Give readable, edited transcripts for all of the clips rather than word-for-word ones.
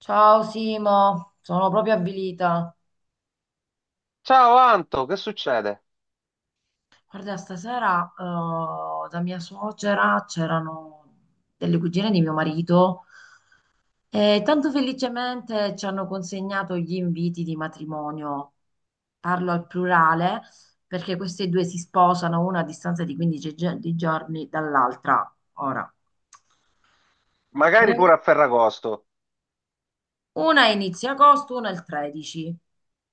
Ciao Simo, sono proprio avvilita. Ciao Anto, che succede? Guarda, stasera da mia suocera c'erano delle cugine di mio marito e tanto felicemente ci hanno consegnato gli inviti di matrimonio. Parlo al plurale perché queste due si sposano una a distanza di 15 di giorni dall'altra. Ora, Magari veramente pure a Ferragosto. una a inizio agosto, una il 13.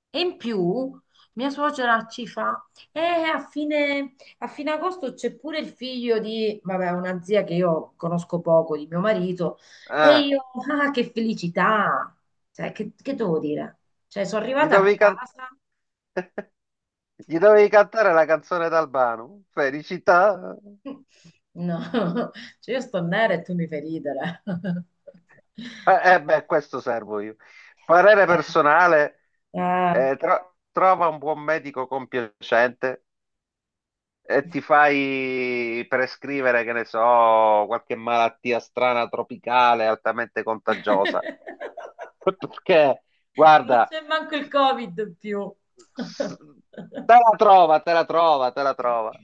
E in più mia suocera ci fa, a fine agosto c'è pure il figlio di, vabbè, una zia che io conosco poco, di mio marito, e Eh, io, ah, che felicità! Cioè, che devo dire? Cioè, sono gli arrivata a dovevi, casa. gli dovevi cantare la canzone d'Albano. Felicità. No. Cioè, io sto nera e tu mi fai ridere. Beh, questo servo io. Parere personale, Eh, trova un buon medico compiacente e ti fai prescrivere, che ne so, qualche malattia strana tropicale altamente eh. contagiosa. Perché, Non guarda. c'è manco il Covid più. S- Te la trova, te la trova, te la trova.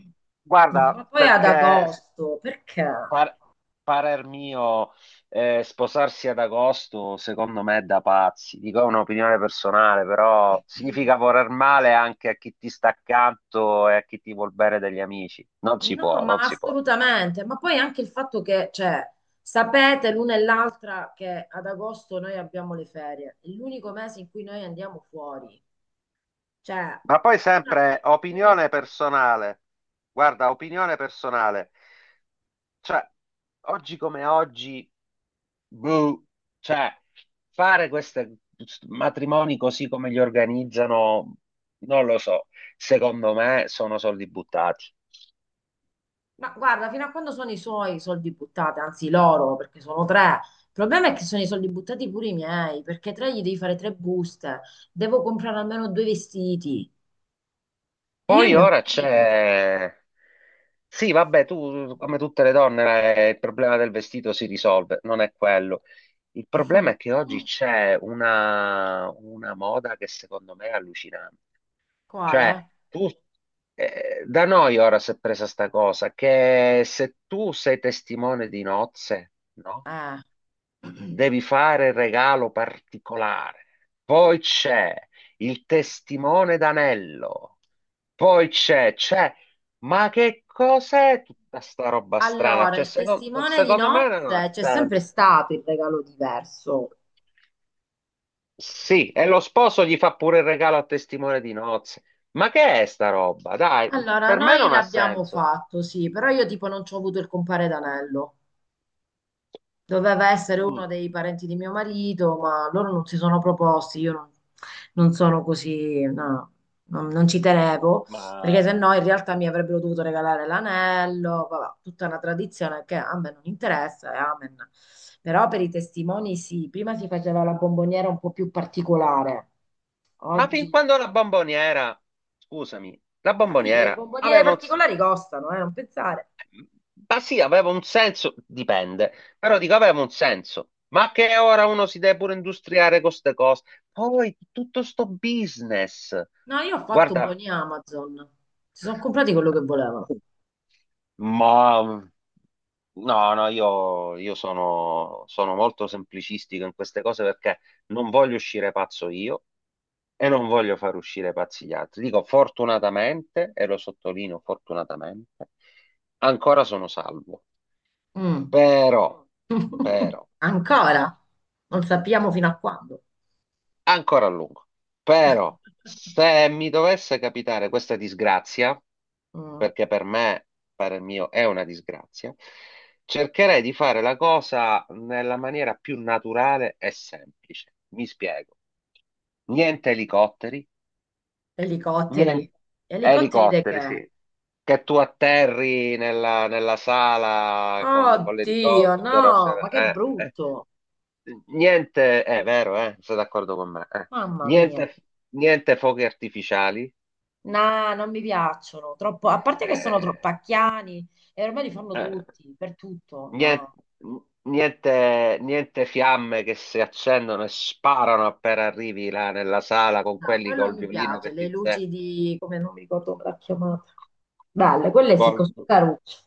No, Guarda, ma poi ad perché agosto, perché? par- parer mio, sposarsi ad agosto, secondo me è da pazzi. Dico, è un'opinione personale, però significa voler male anche a chi ti sta accanto e a chi ti vuol bene degli amici. Non si No, può, ma non si può. assolutamente, ma poi anche il fatto che, cioè, sapete l'una e l'altra che ad agosto noi abbiamo le ferie, è l'unico mese in cui noi andiamo fuori, cioè, Ma poi sempre una e opinione tre. personale. Guarda, opinione personale. Cioè, oggi come oggi. Boh, cioè, fare questi matrimoni così come li organizzano, non lo so. Secondo me sono soldi buttati. Ma guarda, fino a quando sono i suoi soldi buttati, anzi loro, perché sono tre. Il problema è che sono i soldi buttati pure i miei, perché tre gli devi fare tre buste, devo comprare almeno due vestiti. Io e Poi mio ora marito. c'è... Sì, vabbè, tu come tutte le donne il problema del vestito si risolve, non è quello. Il problema è che oggi c'è una moda che secondo me è allucinante. Cioè, Quale? tu, da noi ora si è presa sta cosa, che se tu sei testimone di nozze, no? Eh. Devi fare il regalo particolare. Poi c'è il testimone d'anello. Poi ma che cos'è tutta sta roba strana? Allora, Cioè, il testimone di secondo me non ha nozze c'è sempre senso. stato il regalo diverso. Sì, e lo sposo gli fa pure il regalo a testimone di nozze. Ma che è sta roba? Dai, Allora, per me noi non ha l'abbiamo senso. fatto, sì, però io tipo non ci ho avuto il compare d'anello. Doveva essere Mm. uno dei parenti di mio marito, ma loro non si sono proposti. Io non sono così, no, non ci tenevo, perché se Ma... no in realtà mi avrebbero dovuto regalare l'anello, vabbè, tutta una tradizione che a me non interessa, e amen. Però per i testimoni sì, prima si faceva la bomboniera un po' più particolare. ma fin Oggi. quando la bomboniera, scusami, la Ah, vedi che le bomboniera bomboniere aveva un... particolari costano, non pensare. Ma sì, aveva un senso, dipende, però dico aveva un senso. Ma che ora uno si deve pure industriare con queste cose? Poi tutto sto business. No, io ho fatto Guarda, buoni Amazon, si sono comprati quello che volevano. ma no, no, io sono, sono molto semplicistico in queste cose perché non voglio uscire pazzo io e non voglio far uscire pazzi gli altri. Dico fortunatamente, e lo sottolineo fortunatamente, ancora sono salvo. Mm. Però, però Ancora, non sappiamo fino a quando. ancora a lungo. Però se mi dovesse capitare questa disgrazia, Mm, perché per me, per il mio, è una disgrazia, cercherei di fare la cosa nella maniera più naturale e semplice. Mi spiego. Niente elicotteri, elicotteri. niente Elicotteri di elicotteri, che? sì. Che tu atterri nella, nella sala con Oddio, l'elicottero, cioè, no, ma che eh, eh brutto. niente, è vero, sei d'accordo con me, eh. Mamma mia. Niente, niente fuochi artificiali, No, non mi piacciono. Troppo, a parte che eh, sono troppo pacchiani e ormai li fanno eh, tutti, per tutto. nien- No, niente, niente fiamme che si accendono e sparano appena arrivi là nella sala con no, quelli quello col mi violino piace. che Le ti... luci di, come non mi ricordo come l'ha chiamata. Belle, quelle sì, Col, così carucce.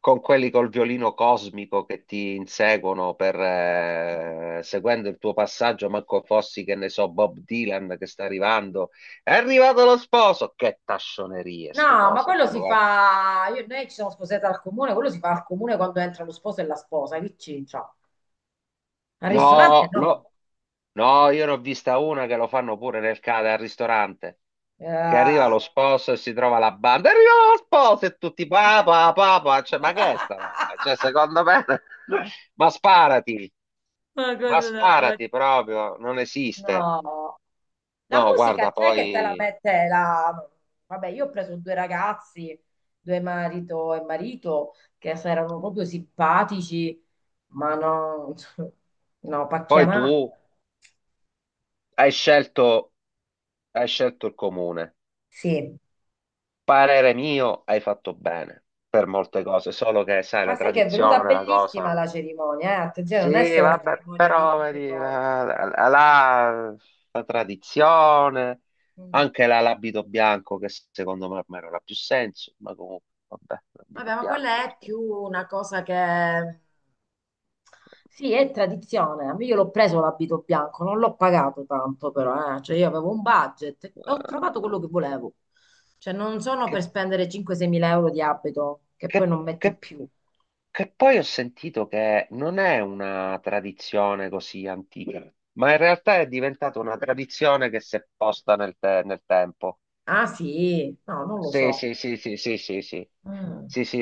con quelli col violino cosmico che ti inseguono per, seguendo il tuo passaggio, manco fossi che ne so, Bob Dylan che sta arrivando, è arrivato lo sposo, che tascionerie ste No, ma cose, quello proprio, si guarda. fa. Noi ci siamo sposate al comune, quello si fa al comune quando entra lo sposo e la sposa, che c'entra? Al ristorante No, no. No, io ne ho vista una che lo fanno pure nel, al ristorante, che arriva Eh. lo sposo e si trova la banda, arriva lo sposo e tutti papà, papà, cioè, ma che è sta roba? Cioè, secondo me, ma sparati, Ma ma cosa da fare? sparati proprio, non esiste. No. La No, musica guarda, c'è che te la poi, mette la. Vabbè, io ho preso due ragazzi, due marito e marito, che se erano proprio simpatici, ma no. No, poi tu pacchianata. hai scelto, hai scelto il comune. Sì. Parere mio, hai fatto bene per molte cose, solo che sai, Ma la sai che è venuta tradizione, la bellissima cosa. la cerimonia, eh? Attenzione, non è Sì, solo la vabbè, cerimonia di però due vedi, secondi. La tradizione, Mm. anche l'abito bianco, che secondo me ormai non ha più senso, ma comunque, vabbè, l'abito Vabbè, ma quella bianco, è perché... più una cosa che. Sì, è tradizione. A me Io l'ho preso l'abito bianco, non l'ho pagato tanto però, eh. Cioè io avevo un budget e ho trovato quello eh, che volevo. Cioè non sono per che spendere 5-6 mila euro di abito che poi Che, non metti che- più. che poi ho sentito che non è una tradizione così antica, ma in realtà è diventata una tradizione che si è posta nel, nel tempo. Ah sì, no, non lo Sì, so. sì, sì, sì, sì, sì, sì. Mm. Sì, sì,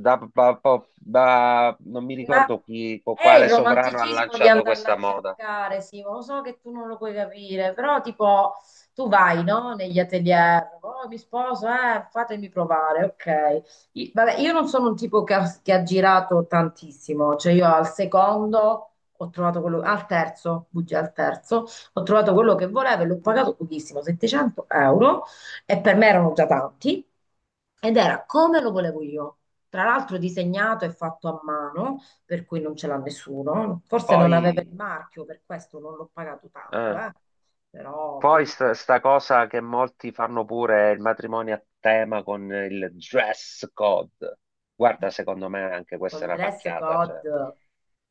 da, non mi Ma ricordo chi, è il quale sovrano ha romanticismo di lanciato andarla questa a moda. cercare, Simo. Lo so che tu non lo puoi capire, però tipo tu vai, no? Negli atelier, oh, mi sposo, fatemi provare, ok. Vabbè, io non sono un tipo che ha, girato tantissimo, cioè io al secondo ho trovato quello, al terzo, bugia, al terzo, ho trovato quello che volevo e l'ho pagato pochissimo, 700 euro, e per me erano già tanti, ed era come lo volevo io. Tra l'altro disegnato e fatto a mano per cui non ce l'ha nessuno. Forse non aveva Poi, il marchio, per questo non l'ho pagato tanto, eh. eh. Però Poi bellissimo, sta cosa che molti fanno pure è il matrimonio a tema con il dress code. Guarda, secondo me anche il questa è una dress pacchiata. Cioè. code.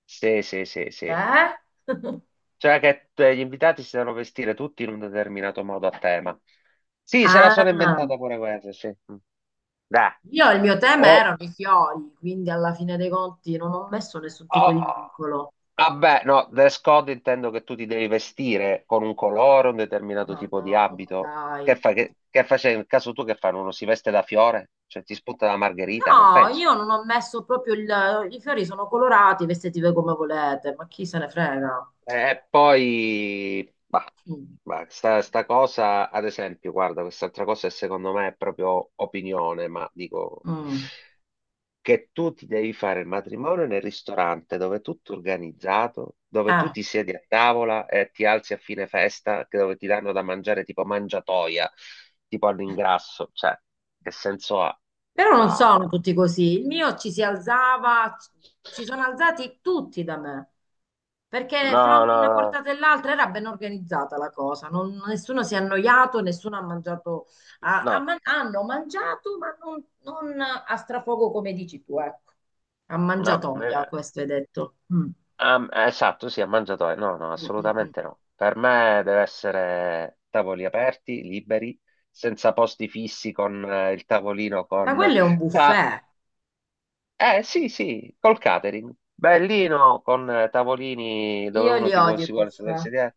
Sì, sì, sì, sì. Eh? Cioè che gli invitati si devono vestire tutti in un determinato modo a tema. Sì, se la sono Ah, inventata pure questa, sì. Mm. Dai. io il mio tema erano O, i fiori, quindi alla fine dei conti non ho messo nessun oh, tipo di oh, vincolo. vabbè, no, dress code intendo che tu ti devi vestire con un colore, un determinato Ma tipo di no, ma abito. Che dai. fai? Che facevi? Nel caso tu che fanno? Uno si veste da fiore? Cioè ti spunta la margherita? Non No, penso. io non ho messo proprio il. I fiori sono colorati, vestiti voi come volete, ma chi se ne frega? E poi, Mm. Sta cosa, ad esempio, guarda, quest'altra cosa è, secondo me è proprio opinione, ma dico... Mm. che tu ti devi fare il matrimonio nel ristorante dove è tutto organizzato, dove tu Eh. ti siedi a tavola e ti alzi a fine festa, che dove ti danno da mangiare tipo mangiatoia, tipo all'ingrasso, cioè, che senso ha? Però non No, sono tutti così. Il mio ci si alzava, si sono alzati tutti da me, perché fra no, no, una no, portata e l'altra era ben organizzata la cosa. Nessuno si è annoiato, nessuno ha mangiato, no, hanno mangiato, ma non a strafogo come dici tu, ecco. A no. mangiatoia, questo hai detto. Mm. Esatto, sì, a mangiatoia, no, no, Mm, mm, mm. assolutamente no. Per me deve essere tavoli aperti, liberi, senza posti fissi con il tavolino Ma con quello è un Ta- buffet. eh sì, sì, col catering. Bellino, con tavolini dove Io uno li ti vuole, odio i si vuole sedere, buffet. sedere.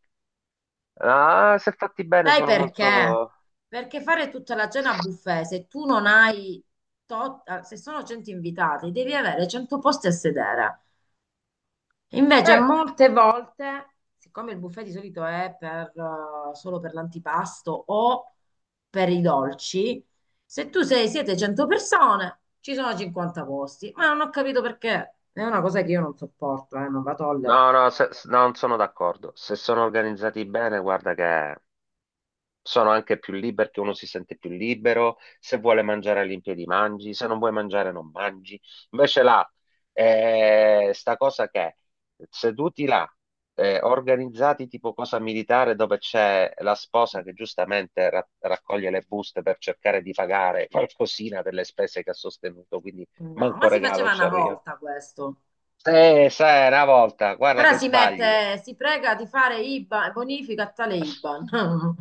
Ah, se fatti bene Sai sono perché? molto... Perché fare tutta la cena a buffet, se tu non hai, se sono 100 invitati, devi avere 100 posti a sedere. Invece Eh, molte volte, siccome il buffet di solito è solo per l'antipasto o per i dolci, se tu siete 100 persone, ci sono 50 posti. Ma non ho capito perché. È una cosa che io non sopporto, non la tollero. no, no, non sono d'accordo. Se sono organizzati bene, guarda che sono anche più liberi, perché uno si sente più libero, se vuole mangiare all'impiedi mangi, se non vuoi mangiare non mangi. Invece là, sta cosa che seduti là, organizzati tipo cosa militare dove c'è la sposa che giustamente raccoglie le buste per cercare di pagare qualcosina per le spese che ha sostenuto, quindi No, manco ma si regalo faceva ci una arriva. volta questo. Sai, una volta, guarda Ora che si sbagli. mette, si prega di fare IBAN, bonifica a tale IBAN.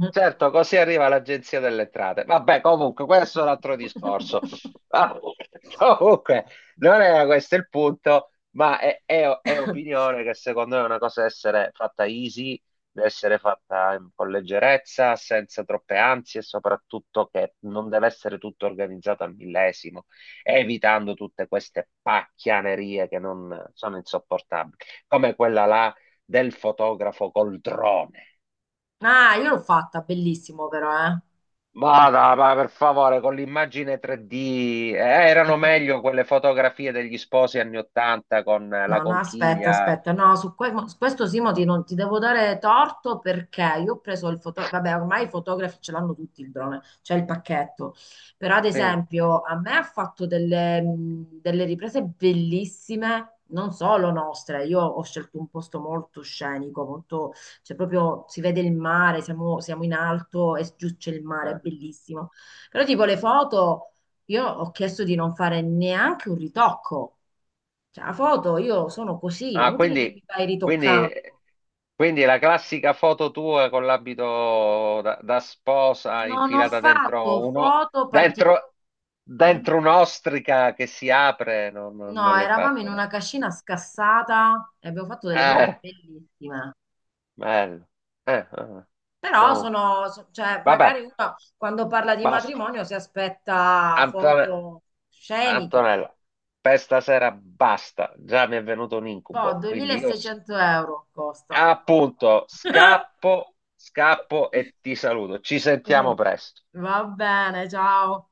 Certo, così arriva l'Agenzia delle Entrate. Vabbè, comunque, questo è un altro discorso. Ah, comunque, non era questo il punto, ma è opinione che secondo me è una cosa da essere fatta easy, da essere fatta con leggerezza, senza troppe ansie e soprattutto che non deve essere tutto organizzato al millesimo, evitando tutte queste pacchianerie che non sono insopportabili, come quella là del fotografo col drone. Ah, io l'ho fatta, bellissimo però, eh. Vada, ma per favore, con l'immagine 3D, È erano be- meglio quelle fotografie degli sposi anni 80 con la No, no, aspetta, conchiglia. aspetta, no, su, su questo Simoti non ti devo dare torto perché io ho preso il fotografo, vabbè, ormai i fotografi ce l'hanno tutti il drone, c'è il pacchetto, però ad Sì, eh. esempio a me ha fatto delle riprese bellissime, non solo nostre, io ho scelto un posto molto scenico, molto, cioè proprio si vede il mare, siamo in alto e giù c'è il mare, è bellissimo, però tipo le foto io ho chiesto di non fare neanche un ritocco. Cioè, la foto io sono così, è Ah, inutile che mi vai quindi, ritoccando. quindi la classica foto tua con l'abito da, da sposa Non ho infilata dentro fatto uno, foto particolari. Eh? dentro un'ostrica che si apre, no, no, No, non l'hai eravamo in fatta, no? una cascina scassata e abbiamo fatto delle foto Eh, bellissime. bello. Eh, eh. eh. Però Comunque, cioè, vabbè, magari uno quando parla di basta. matrimonio si aspetta Antonio. foto sceniche. Antonella, per stasera basta, già mi è venuto un Boh, incubo, quindi io 2.600 euro costa. appunto scappo, scappo e ti saluto. Ci sentiamo presto. Va bene, ciao.